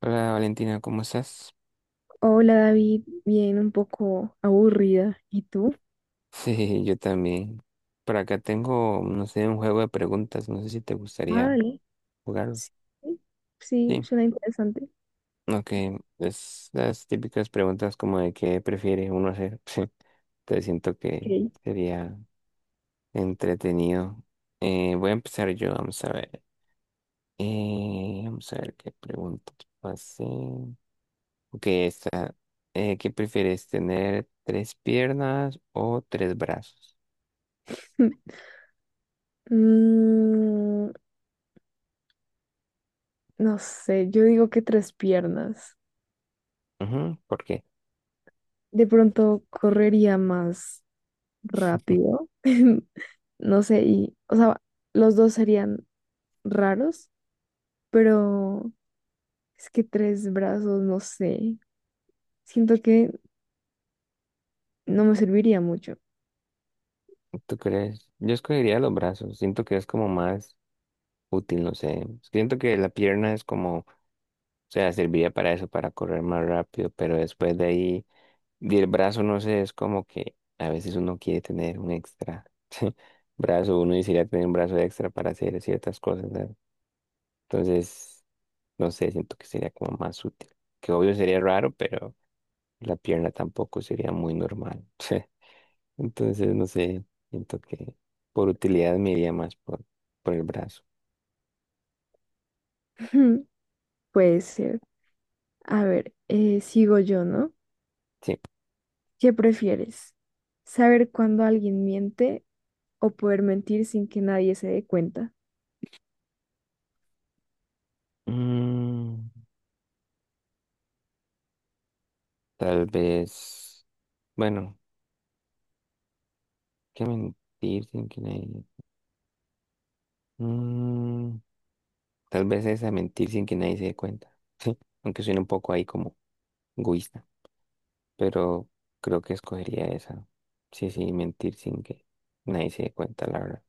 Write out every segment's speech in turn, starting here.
Hola Valentina, ¿cómo estás? Hola David, bien, un poco aburrida. ¿Y tú? Sí, yo también. Por acá tengo, no sé, un juego de preguntas. No sé si te Ah, gustaría vale. jugarlo. Sí, sí, Sí, suena interesante. ok. Es las típicas preguntas como de qué prefiere uno hacer. Sí, te siento que Ok. sería entretenido. Voy a empezar yo, vamos a ver. Vamos a ver qué preguntas pasé. Ok, esta. ¿Qué prefieres, tener tres piernas o tres brazos? Mm, no sé, yo digo que tres piernas. Ujú, ¿por qué? De pronto correría más rápido. No sé, y, o sea, los dos serían raros, pero es que tres brazos, no sé. Siento que no me serviría mucho. ¿Tú crees? Yo escogería los brazos. Siento que es como más útil, no sé. Siento que la pierna es como, o sea, serviría para eso, para correr más rápido, pero después de ahí, y el brazo, no sé, es como que a veces uno quiere tener un extra brazo, uno quisiera tener un brazo extra para hacer ciertas cosas, ¿sabes? Entonces, no sé, siento que sería como más útil. Que obvio sería raro, pero la pierna tampoco sería muy normal. Entonces, no sé, siento que por utilidad me iría más por el brazo. Puede ser. A ver, sigo yo, ¿no? Sí. ¿Qué prefieres? ¿Saber cuándo alguien miente o poder mentir sin que nadie se dé cuenta? Mm, tal vez, bueno, qué mentir sin que nadie... Mm, tal vez esa mentir sin que nadie se dé cuenta. Sí, aunque suene un poco ahí como egoísta, pero creo que escogería esa. Sí, sí, mentir sin que nadie se dé cuenta, la verdad.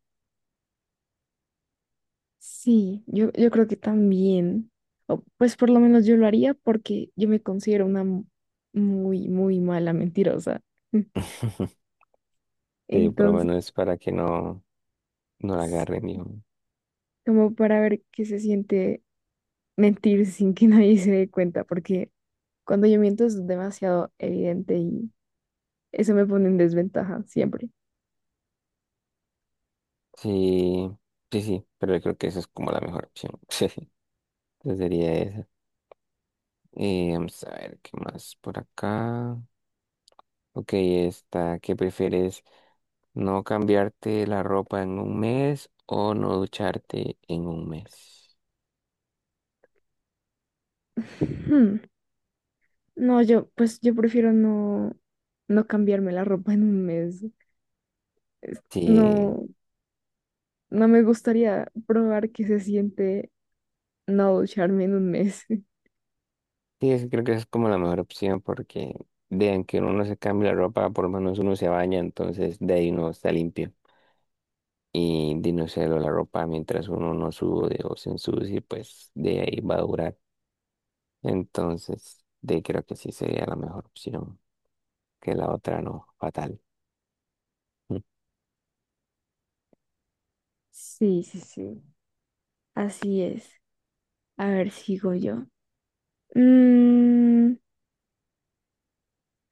Sí, yo creo que también. O, pues por lo menos yo lo haría porque yo me considero una muy, muy mala mentirosa. Sí, por lo Entonces, menos para que no, no la agarren, dijo. como para ver qué se siente mentir sin que nadie se dé cuenta, porque cuando yo miento es demasiado evidente y eso me pone en desventaja siempre. Sí, sí, sí, pero yo creo que esa es como la mejor opción. Sí, entonces sería esa. Y vamos a ver qué más por acá. Ok, esta, ¿qué prefieres? ¿No cambiarte la ropa en un mes o no ducharte en un mes? No, yo, pues yo prefiero no cambiarme la ropa en un mes. Sí, No, no me gustaría probar que se siente no ducharme en un mes. sí, es- creo que esa es como la mejor opción porque vean que uno no se cambia la ropa, por lo menos uno se baña, entonces de ahí uno está limpio. Y de no se la ropa mientras uno no sude o se ensucie, pues de ahí va a durar. Entonces, de, creo que sí sería la mejor opción, que la otra no, fatal. Mm. Sí, sí, sí. Así es. A ver, sigo yo. Mm,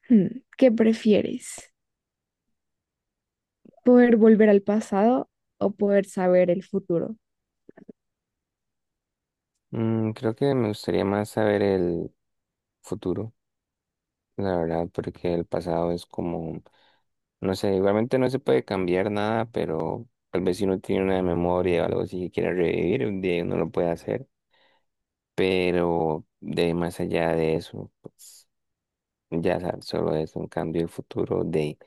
hmm, ¿qué prefieres? ¿Poder volver al pasado o poder saber el futuro? Mm, creo que me gustaría más saber el futuro, la verdad, porque el pasado es como, no sé, igualmente no se puede cambiar nada, pero tal vez si uno tiene una memoria o algo así que quiere revivir, un día uno lo puede hacer, pero de más allá de eso, pues ya sabes, solo es un cambio de futuro de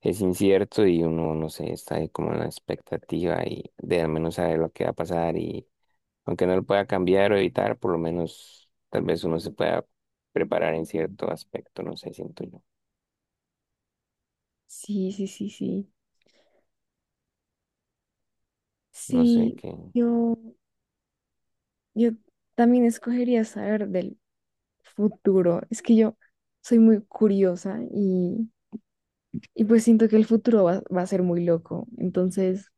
es incierto y uno, no sé, está ahí como en la expectativa y de al menos saber lo que va a pasar y aunque no lo pueda cambiar o evitar, por lo menos tal vez uno se pueda preparar en cierto aspecto, no sé, siento yo. Sí, sí, sí, sí. No sé Sí, qué. yo, yo también escogería saber del futuro. Es que yo soy muy curiosa y pues siento que el futuro va a ser muy loco. Entonces,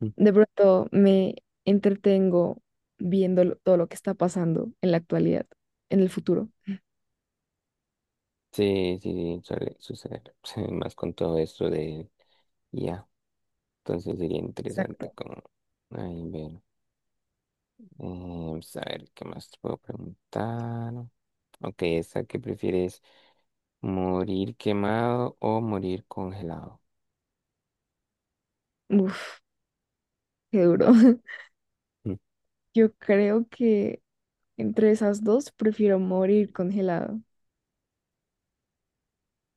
Mm. de pronto me entretengo viendo todo lo que está pasando en la actualidad, en el futuro. Sí, sí, sí, suele suceder. Sí, más con todo esto de ya. Entonces sería interesante Exacto. como... Ay, ver. Vamos a ver, ¿qué más te puedo preguntar? Ok, esta, ¿qué prefieres? ¿Morir quemado o morir congelado? Uf, qué duro. Yo creo que entre esas dos prefiero morir congelado,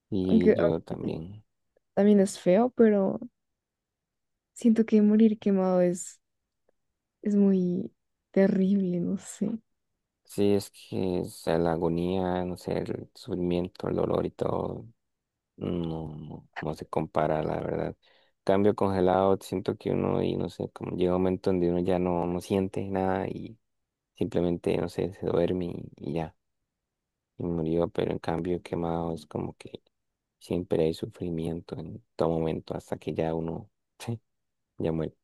Y aunque yo obviamente también. también es feo, pero siento que morir quemado es muy terrible, no sé. Sí, es que o sea, la agonía, no sé, el sufrimiento, el dolor y todo, no, no, no se compara, la verdad. Cambio congelado, siento que uno, y no sé, como llega un momento donde uno ya no, no siente nada y simplemente, no sé, se duerme y ya, y murió, pero en cambio quemado es como que siempre hay sufrimiento en todo momento hasta que ya uno, ya muere.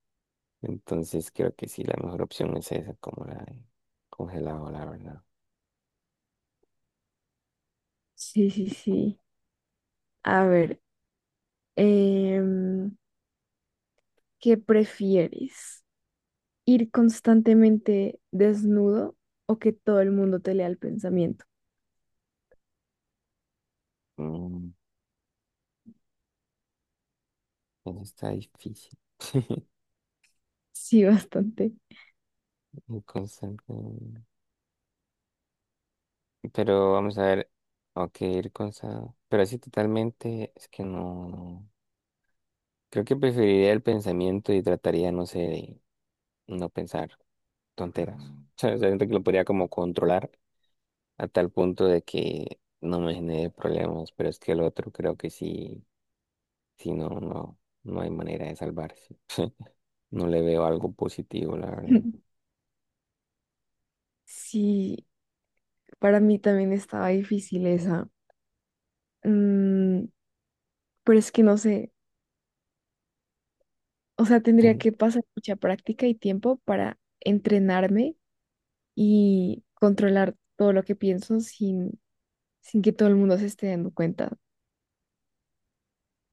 Entonces creo que sí, la mejor opción es esa, como la de congelado, la verdad. Sí, sí, sí. A ver, em, ¿qué prefieres? ¿Ir constantemente desnudo o que todo el mundo te lea el pensamiento? Mm, eso está difícil. Sí, bastante. Ir con salsa- Pero vamos a ver. Ok, ir con sal. Pero así totalmente es que no. Creo que preferiría el pensamiento y trataría, no sé, de no pensar tonteras. O sea, siento que lo podría como controlar a tal punto de que no me genere problemas. Pero es que el otro creo que sí, sí, no, no, no hay manera de salvarse. No le veo algo positivo, la verdad. Sí, para mí también estaba difícil esa. Mm, pero es que no sé, o sea, tendría que pasar mucha práctica y tiempo para entrenarme y controlar todo lo que pienso sin que todo el mundo se esté dando cuenta.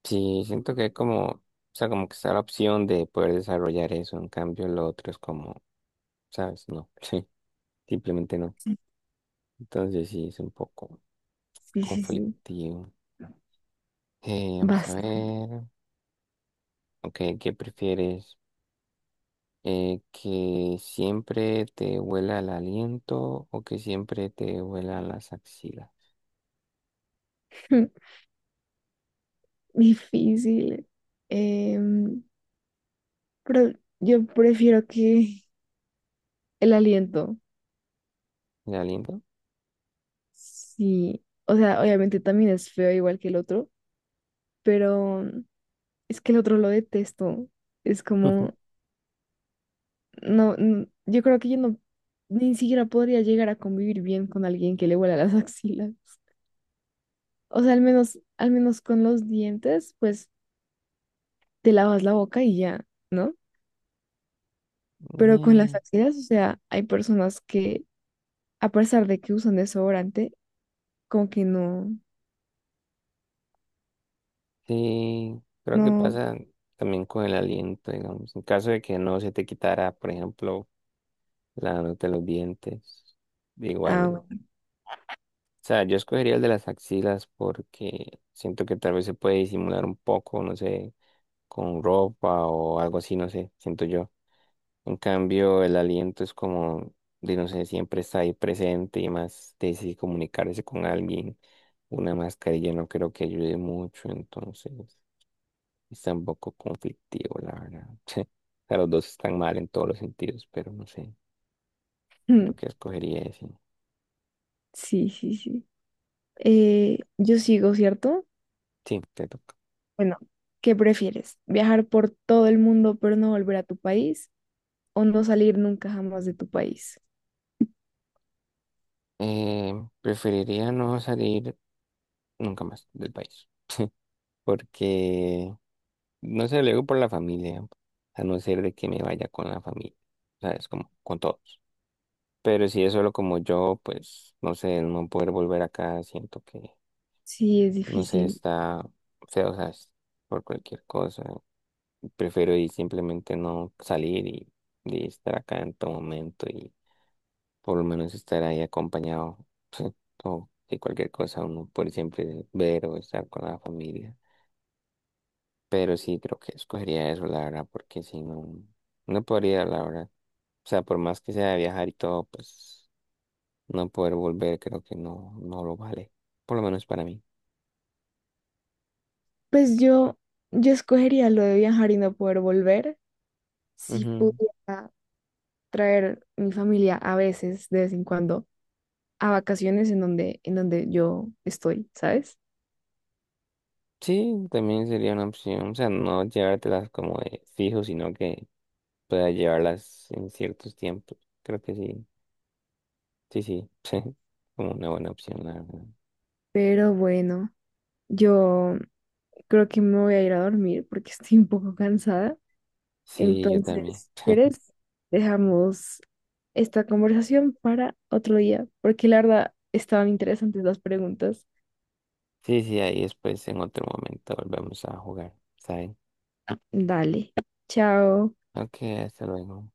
Sí, siento que hay como, o sea, como que está la opción de poder desarrollar eso, en cambio lo otro es como, ¿sabes? No, sí, simplemente no. Sí, Entonces sí, es un poco sí, sí. Sí. conflictivo. Vamos a Bastante ver, ok, ¿qué prefieres? ¿Que siempre te huela el aliento o que siempre te huela las axilas? difícil. Em, pero yo prefiero que el aliento, ¿El aliento? sí. O sea, obviamente también es feo igual que el otro, pero mm, es que el otro lo detesto. Es como, no, n- yo creo que yo no, ni siquiera podría llegar a convivir bien con alguien que le huela las axilas. O sea, al menos con los dientes, pues te lavas la boca y ya, ¿no? Pero con las Mm, axilas, o sea, hay personas que, a pesar de que usan desodorante, como que no, sí, creo que no, pasa también con el aliento, digamos. En caso de que no se te quitara, por ejemplo, la nota de los dientes. Igual. ah, O sea, yo escogería el de las axilas porque siento que tal vez se puede disimular un poco, no sé, con ropa o algo así, no sé, siento yo. En cambio, el aliento es como, de, no sé, siempre está ahí presente y más de si comunicarse con alguien. Una mascarilla no creo que ayude mucho, entonces está un poco conflictivo, la verdad. O sea, los dos están mal en todos los sentidos, pero no sé, creo bueno. que escogería ese. Sí, sí, sí. Yo sigo, ¿cierto? Sí, te toca. Bueno, ¿qué prefieres? ¿Viajar por todo el mundo pero no volver a tu país o no salir nunca jamás de tu país? Eh, Preferiría no salir nunca más del país, porque no sé, luego por la familia, a no ser de que me vaya con la familia, ¿sabes? Como con todos. Pero si es solo como yo, pues no sé, el no poder volver acá, siento que, Sí, es no sé, difícil. está feo, ¿sabes? Por cualquier cosa. Prefiero ir simplemente no salir y estar acá en todo momento y por lo menos estar ahí acompañado o de cualquier cosa uno puede siempre ver o estar con la familia. Pero sí, creo que escogería eso, la verdad, porque si no, no podría, la verdad. O sea, por más que sea viajar y todo, pues no poder volver creo que no, no lo vale, por lo menos para mí. Pues yo escogería lo de viajar y no poder volver si Ujú. pudiera traer mi familia a veces, de vez en cuando, a vacaciones en donde yo estoy, ¿sabes? Sí, también sería una opción, o sea, no llevártelas como de fijo, sino que puedas llevarlas en ciertos tiempos. Creo que sí, sí, sí, como una buena opción, la verdad. Pero bueno, yo creo que me voy a ir a dormir porque estoy un poco cansada. Sí, yo Entonces, también. si quieres, dejamos esta conversación para otro día, porque la verdad estaban interesantes las preguntas. Sí, sí, ahí después en otro momento volvemos a jugar, ¿saben? Dale, chao. Ok, hasta luego.